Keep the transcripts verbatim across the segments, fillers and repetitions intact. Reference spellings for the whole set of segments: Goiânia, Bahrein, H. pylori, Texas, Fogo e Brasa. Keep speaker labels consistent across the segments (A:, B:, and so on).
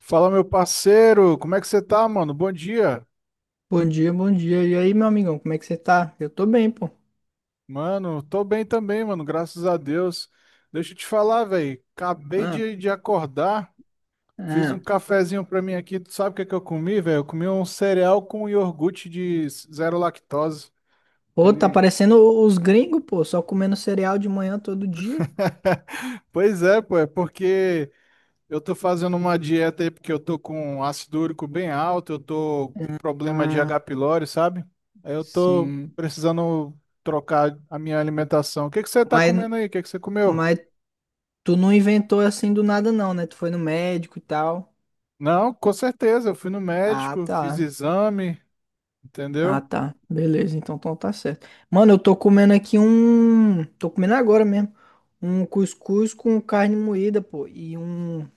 A: Fala, meu parceiro, como é que você tá, mano? Bom dia.
B: Bom dia, bom dia. E aí, meu amigão, como é que você tá? Eu tô bem, pô.
A: Mano, tô bem também, mano, graças a Deus. Deixa eu te falar, velho, acabei
B: Ah,
A: de, de acordar, fiz um
B: ah.
A: cafezinho pra mim aqui. Tu sabe o que é que eu comi, velho? Eu comi um cereal com iogurte de zero lactose.
B: Pô, tá
A: Ele...
B: parecendo o- os gringos, pô, só comendo cereal de manhã todo dia.
A: Pois é, pô, é porque eu tô fazendo uma dieta aí porque eu tô com ácido úrico bem alto, eu tô com problema de
B: Ah,
A: H. pylori, sabe? Aí eu tô
B: sim.
A: precisando trocar a minha alimentação. O que que você tá
B: Mas,
A: comendo aí? O que que você comeu?
B: mas tu não inventou assim do nada, não, né? Tu foi no médico e tal.
A: Não, com certeza, eu fui no
B: Ah,
A: médico, fiz
B: tá.
A: exame,
B: Ah,
A: entendeu?
B: tá. Beleza, então, então tá certo. Mano, eu tô comendo aqui um. Tô comendo agora mesmo. Um cuscuz com carne moída, pô. E um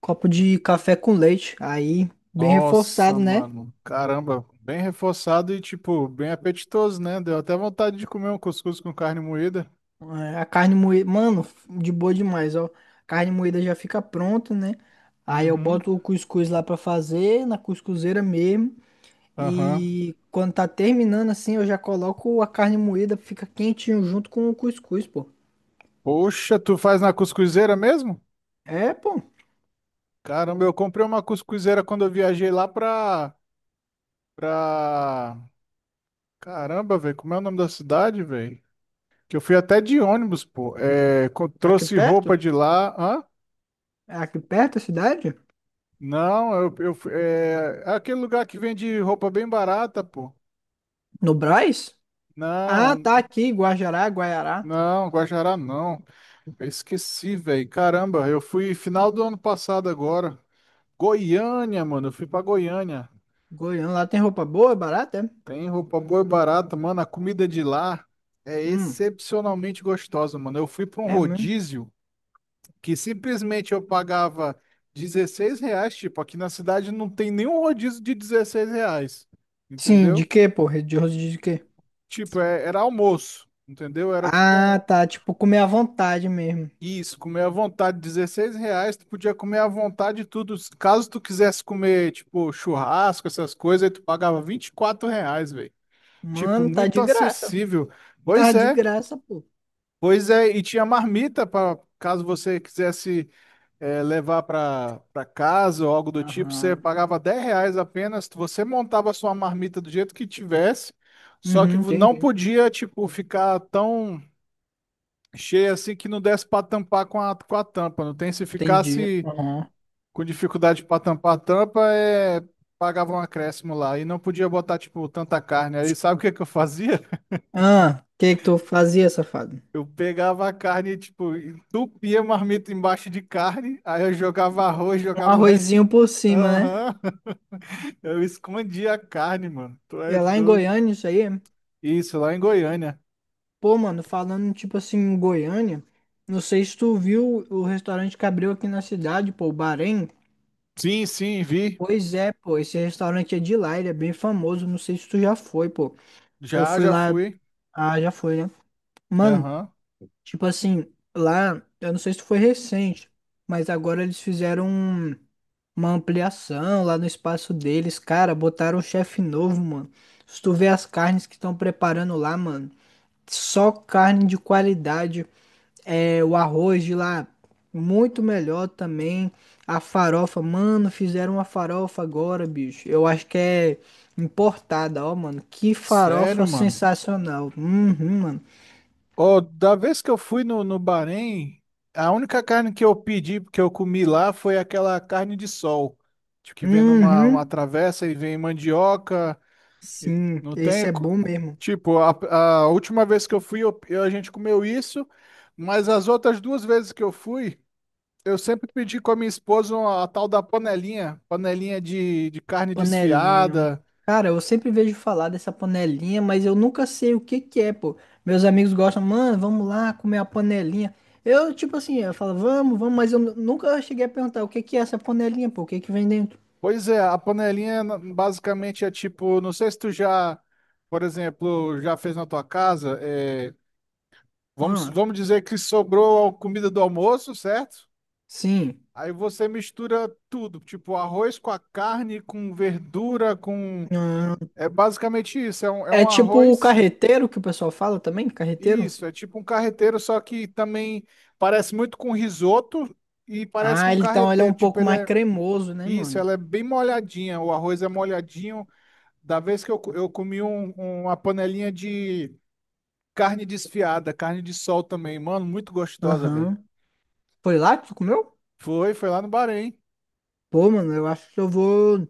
B: copo de café com leite. Aí, bem
A: Nossa,
B: reforçado, né?
A: mano, caramba, bem reforçado e tipo, bem apetitoso, né? Deu até vontade de comer um cuscuz com carne moída.
B: É, a carne moída, mano, de boa demais, ó. Carne moída já fica pronta, né? Aí eu
A: Uhum,
B: boto o cuscuz lá pra fazer, na cuscuzeira mesmo.
A: aham.
B: E quando tá terminando assim, eu já coloco a carne moída, fica quentinho junto com o cuscuz, pô.
A: Poxa, tu faz na cuscuzeira mesmo?
B: É, pô.
A: Caramba, eu comprei uma cuscuzeira quando eu viajei lá pra, pra... Caramba, velho, como é o nome da cidade, velho? Que eu fui até de ônibus, pô. É, co-
B: Aqui
A: trouxe roupa
B: perto?
A: de lá. Hã?
B: É aqui perto a cidade?
A: Não, eu, eu fui- é, é aquele lugar que vende roupa bem barata, pô.
B: No Brás? Ah,
A: Não,
B: tá aqui, Guajará, Guaiará.
A: não, Guajará não. Eu esqueci, velho. Caramba, eu fui final do ano passado agora. Goiânia, mano, eu fui pra Goiânia.
B: Goiânia, lá tem roupa boa, barata, é?
A: Tem roupa boa e barata, mano. A comida de lá é
B: Hum,
A: excepcionalmente gostosa, mano. Eu fui para um
B: é mesmo.
A: rodízio que simplesmente eu pagava dezesseis reais. Tipo, aqui na cidade não tem nenhum rodízio de dezesseis reais.
B: Sim, de
A: Entendeu?
B: quê, pô? De rosto de quê?
A: Tipo, é- era almoço. Entendeu? Era tipo um.
B: Ah, tá. Tipo, comer à vontade mesmo.
A: Isso, comer à vontade, dezesseis reais, tu podia comer à vontade tudo. Caso tu quisesse comer, tipo, churrasco, essas coisas, aí tu pagava vinte e quatro reais, velho. Tipo,
B: Mano, tá
A: muito
B: de graça.
A: acessível. Pois
B: Tá de
A: é.
B: graça, pô.
A: Pois é, e tinha marmita para caso você quisesse eh, levar para para casa ou algo do tipo, você
B: Aham.
A: pagava dez reais apenas, você montava a sua marmita do jeito que tivesse, só que
B: Uhum,
A: não
B: entendi.
A: podia, tipo, ficar tão cheia assim que não desse para tampar com a, com a tampa, não tem? Se
B: Entendi.
A: ficasse
B: Aham.
A: com dificuldade para tampar a tampa, é, pagava um acréscimo lá e não podia botar, tipo, tanta carne. Aí sabe o que que eu fazia?
B: Ah, o que que tu fazia, safado?
A: Eu pegava a carne, tipo, entupia a marmita embaixo de carne, aí eu jogava arroz,
B: Um
A: jogava o resto.
B: arrozinho por cima, né?
A: Aham. Eu escondia a carne, mano. Tu é
B: É lá em
A: doido.
B: Goiânia isso aí.
A: Isso, lá em Goiânia.
B: Pô, mano, falando tipo assim em Goiânia, não sei se tu viu o restaurante que abriu aqui na cidade, pô, o Bahrein.
A: Sim, sim, vi.
B: Pois é, pô, esse restaurante é de lá, ele é bem famoso, não sei se tu já foi, pô. Eu
A: Já,
B: fui
A: já
B: lá,
A: fui.
B: ah, já foi, né? Mano,
A: Aham.
B: tipo assim, lá, eu não sei se foi recente, mas agora eles fizeram um- uma ampliação lá no espaço deles, cara, botaram um chefe novo, mano. Se tu vê as carnes que estão preparando lá, mano, só carne de qualidade. É, o arroz de lá, muito melhor também. A farofa, mano, fizeram uma farofa agora, bicho. Eu acho que é importada, ó, mano. Que
A: Sério,
B: farofa
A: mano.
B: sensacional. Uhum, mano.
A: Ó, da vez que eu fui no, no Bahrein, a única carne que eu pedi, que eu comi lá, foi aquela carne de sol. Tipo, que vem numa uma
B: Uhum.
A: travessa e vem mandioca, E
B: Sim,
A: Não
B: esse
A: tem.
B: é
A: Cu-
B: bom mesmo.
A: Tipo, a, a última vez que eu fui, eu- eu- a gente comeu isso, mas as outras duas vezes que eu fui, eu sempre pedi com a minha esposa uma- a tal da panelinha, panelinha de, de carne
B: Panelinha.
A: desfiada.
B: Cara, eu sempre vejo falar dessa panelinha, mas eu nunca sei o que que é, pô. Meus amigos gostam, mano, vamos lá comer a panelinha. Eu, tipo assim, eu falo, vamos, vamos, mas eu nu- nunca cheguei a perguntar o que que é essa panelinha, pô, o que que vem dentro?
A: Pois é, a panelinha na- basicamente é tipo, não sei se tu já, por exemplo, já fez na tua casa, é, vamos,
B: Ah,
A: vamos dizer que sobrou a comida do almoço, certo?
B: sim.
A: Aí você mistura tudo, tipo arroz com a carne, com verdura, com
B: Hum,
A: É basicamente isso, é um, é
B: é
A: um
B: tipo o
A: arroz,
B: carreteiro que o pessoal fala também, carreteiro?
A: isso, é tipo um carreteiro, só que também parece muito com risoto e parece
B: Ah,
A: com
B: ele- então ele é um
A: carreteiro, tipo
B: pouco
A: ele
B: mais
A: é,
B: cremoso, né,
A: isso,
B: mano?
A: ela é bem molhadinha, o arroz é molhadinho, da vez que eu, co- eu comi um- uma panelinha de carne desfiada, carne de sol também, mano, muito gostosa, velho.
B: Aham. Foi lá que tu comeu?
A: Foi, foi lá no Bahrein,
B: Pô, mano, eu acho que eu vou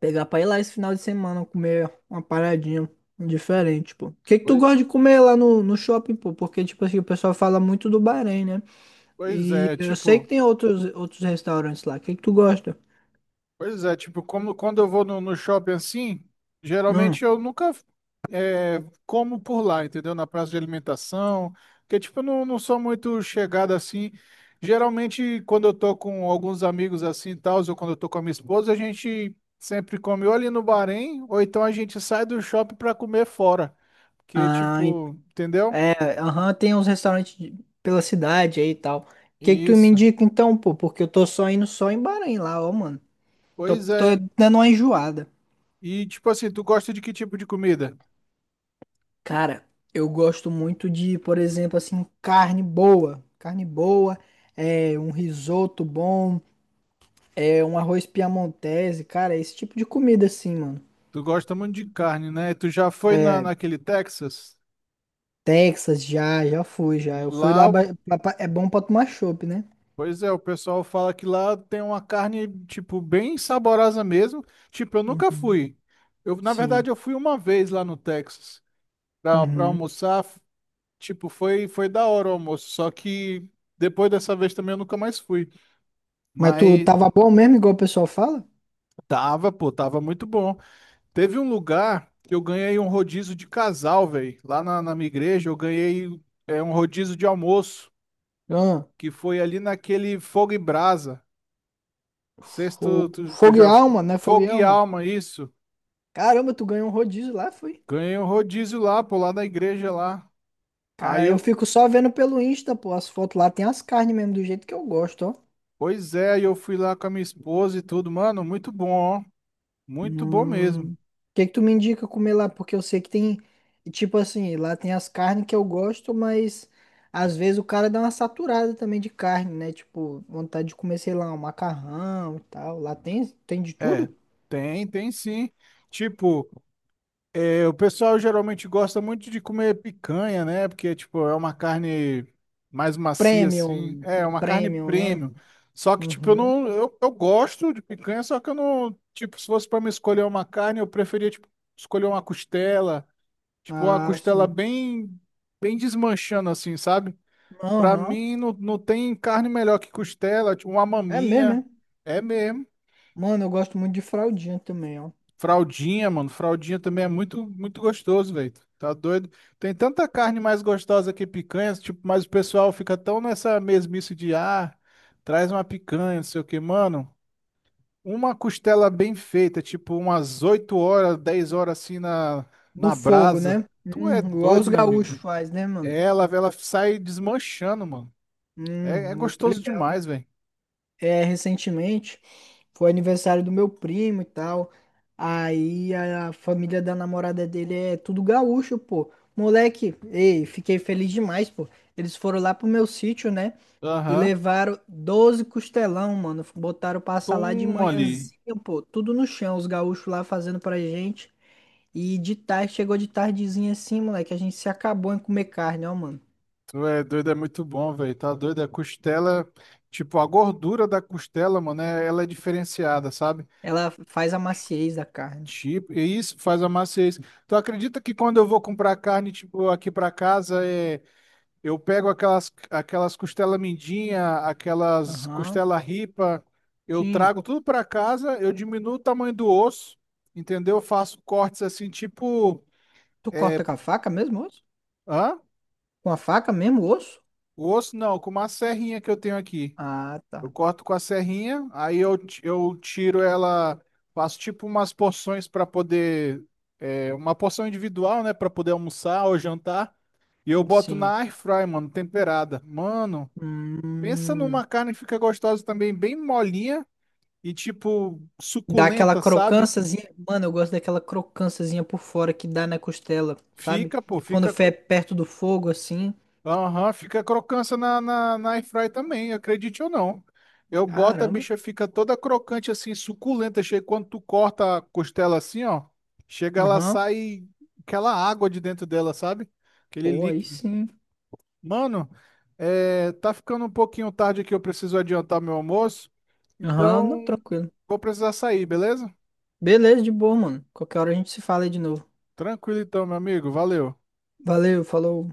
B: pegar pra ir lá esse final de semana comer uma paradinha diferente, pô. O que que tu
A: pois,
B: gosta de comer lá no, no shopping, pô? Porque, tipo assim, o pessoal fala muito do Bahrein, né?
A: pois
B: E
A: é,
B: eu sei que
A: tipo,
B: tem outros, outros restaurantes lá. O que que tu gosta?
A: pois é, tipo, como, quando eu vou no no shopping assim,
B: Hum.
A: geralmente eu nunca como por lá, entendeu? Na praça de alimentação, que tipo, eu não, não sou muito chegado assim. Geralmente, quando eu tô com alguns amigos assim e tal, ou quando eu tô com a minha esposa, a gente sempre come ou ali no Bahrein, ou então a gente sai do shopping pra comer fora. Que
B: Ah, en-
A: tipo, entendeu?
B: é, aham, tem uns restaurantes de- pela cidade aí e tal. O que que tu me
A: Isso.
B: indica então, pô? Porque eu tô só indo só em Bahrein lá, ó, mano. Tô,
A: Pois
B: tô
A: é.
B: dando uma enjoada.
A: E tipo assim, tu gosta de que tipo de comida?
B: Cara, eu gosto muito de, por exemplo, assim, carne boa. Carne boa, é, um risoto bom, é, um arroz piamontese, cara, esse tipo de comida assim, mano.
A: Tu gosta muito de carne, né? Tu já foi na,
B: É,
A: naquele Texas?
B: Texas já, já fui, já. Eu fui lá,
A: Lá
B: ba- pra- pra- é bom pra tomar chopp, né?
A: Pois é, o pessoal fala que lá tem uma carne, tipo, bem saborosa mesmo. Tipo, eu nunca
B: Uhum.
A: fui. Eu, na
B: Sim.
A: verdade, eu fui uma vez lá no Texas pra, pra
B: Uhum.
A: almoçar. F- Tipo, foi, foi da hora o almoço. Só que depois dessa vez também eu nunca mais fui.
B: Mas tu
A: Mas
B: tava bom mesmo, igual o pessoal fala?
A: tava, pô, tava muito bom. Teve um lugar que eu ganhei um rodízio de casal, velho. Lá na, na minha igreja, eu ganhei é, um rodízio de almoço,
B: Ah,
A: que foi ali naquele Fogo e Brasa. Sexto,
B: fogo,
A: tu, tu
B: fogo e
A: já. fo-
B: alma, né? Fogo e
A: Fogo e
B: Alma.
A: alma, isso.
B: Caramba, tu ganhou um rodízio lá, foi?
A: Ganhei um rodízio lá, pô, lá da igreja lá. Aí
B: Cara, eu
A: eu.
B: fico só vendo pelo Insta, pô. As fotos lá tem as carnes mesmo, do jeito que eu gosto, ó.
A: Pois é, aí eu fui lá com a minha esposa e tudo. Mano, muito bom, ó. Muito bom mesmo.
B: Hum. O que que tu me indica comer lá? Porque eu sei que tem, e tipo assim, lá tem as carnes que eu gosto, mas às vezes o cara dá uma saturada também de carne, né? Tipo, vontade de comer, sei lá, um macarrão e tal. Lá tem, tem de
A: É,
B: tudo?
A: tem, tem sim. Tipo. É, o pessoal geralmente gosta muito de comer picanha, né? Porque, tipo, é uma carne mais macia, assim.
B: Premium,
A: É, é uma carne
B: premium, né?
A: premium. Só que, tipo, eu
B: Uhum.
A: não. Eu, eu gosto de picanha, só que eu não. Tipo, se fosse pra me escolher uma carne, eu preferia, tipo, escolher uma costela. Tipo, uma
B: Ah,
A: costela
B: sim.
A: bem. Bem desmanchando, assim, sabe? Pra
B: Aham.
A: mim, não, não tem carne melhor que costela. Tipo, uma
B: É mesmo,
A: maminha.
B: é?
A: É mesmo.
B: Mano, eu gosto muito de fraldinha também, ó.
A: Fraldinha, mano. Fraldinha também é muito, muito gostoso, velho. Tá doido? Tem tanta carne mais gostosa que picanha, tipo, mas o pessoal fica tão nessa mesmice de, ah, traz uma picanha, não sei o que, mano. Uma costela bem feita, tipo, umas oito horas, dez horas assim na,
B: No
A: na
B: fogo,
A: brasa.
B: né?
A: Tu é
B: Hum, igual
A: doido,
B: os
A: meu
B: gaúchos
A: amigo.
B: faz, né, mano?
A: Ela, ela sai desmanchando, mano. É, é
B: Hum, eu tô
A: gostoso
B: ligado.
A: demais, velho.
B: É, recentemente foi aniversário do meu primo e tal. Aí a família da namorada dele é tudo gaúcho, pô. Moleque, ei, fiquei feliz demais, pô. Eles foram lá pro meu sítio, né? E
A: Aham.
B: levaram doze costelão, mano. Botaram pra assar lá de
A: Toma ali.
B: manhãzinha, pô. Tudo no chão, os gaúchos lá fazendo pra gente. E de tarde, chegou de tardezinha assim, moleque. A gente se acabou em comer carne, ó, mano.
A: Tu é doido, é muito bom, velho. Tá doido? A costela, tipo, a gordura da costela, mano, é- ela é diferenciada, sabe?
B: Ela faz a maciez da carne.
A: Tipo, e isso faz a maciez. Tu acredita que quando eu vou comprar carne, tipo, aqui pra casa, é, eu pego aquelas, aquelas, costela mindinha, aquelas
B: Aham.
A: costela ripa, eu
B: Sim.
A: trago tudo pra casa, eu diminuo o tamanho do osso, entendeu? Eu faço cortes assim, tipo,
B: Tu corta com a faca mesmo o osso?
A: hã?
B: Com a faca mesmo o osso?
A: O osso não, com uma serrinha que eu tenho aqui.
B: Ah,
A: Eu
B: tá.
A: corto com a serrinha, aí eu, ti- eu tiro ela, faço tipo umas porções para poder, é, uma porção individual, né, para poder almoçar ou jantar, e eu boto
B: Sim.
A: na air fry, mano, temperada. Mano, pensa
B: Hum.
A: numa carne que fica gostosa também, bem molinha e tipo
B: Dá aquela
A: suculenta, sabe?
B: crocânciazinha. Mano, eu gosto daquela crocânciazinha por fora que dá na costela, sabe?
A: Fica, pô,
B: Quando
A: fica.
B: foi perto do fogo, assim.
A: Aham, fica crocância na, na, na air fry também, acredite ou não. Eu boto, a
B: Caramba.
A: bicha fica toda crocante assim, suculenta. Chega, quando tu corta a costela assim, ó, chega, ela
B: Aham.
A: sai aquela água de dentro dela, sabe? Aquele
B: Pô, aí
A: líquido.
B: sim.
A: Mano, é, tá ficando um pouquinho tarde aqui, eu preciso adiantar meu almoço.
B: Aham, não,
A: Então,
B: tranquilo.
A: vou precisar sair, beleza?
B: Beleza, de boa, mano. Qualquer hora a gente se fala aí de novo.
A: Tranquilo então, meu amigo, valeu.
B: Valeu, falou.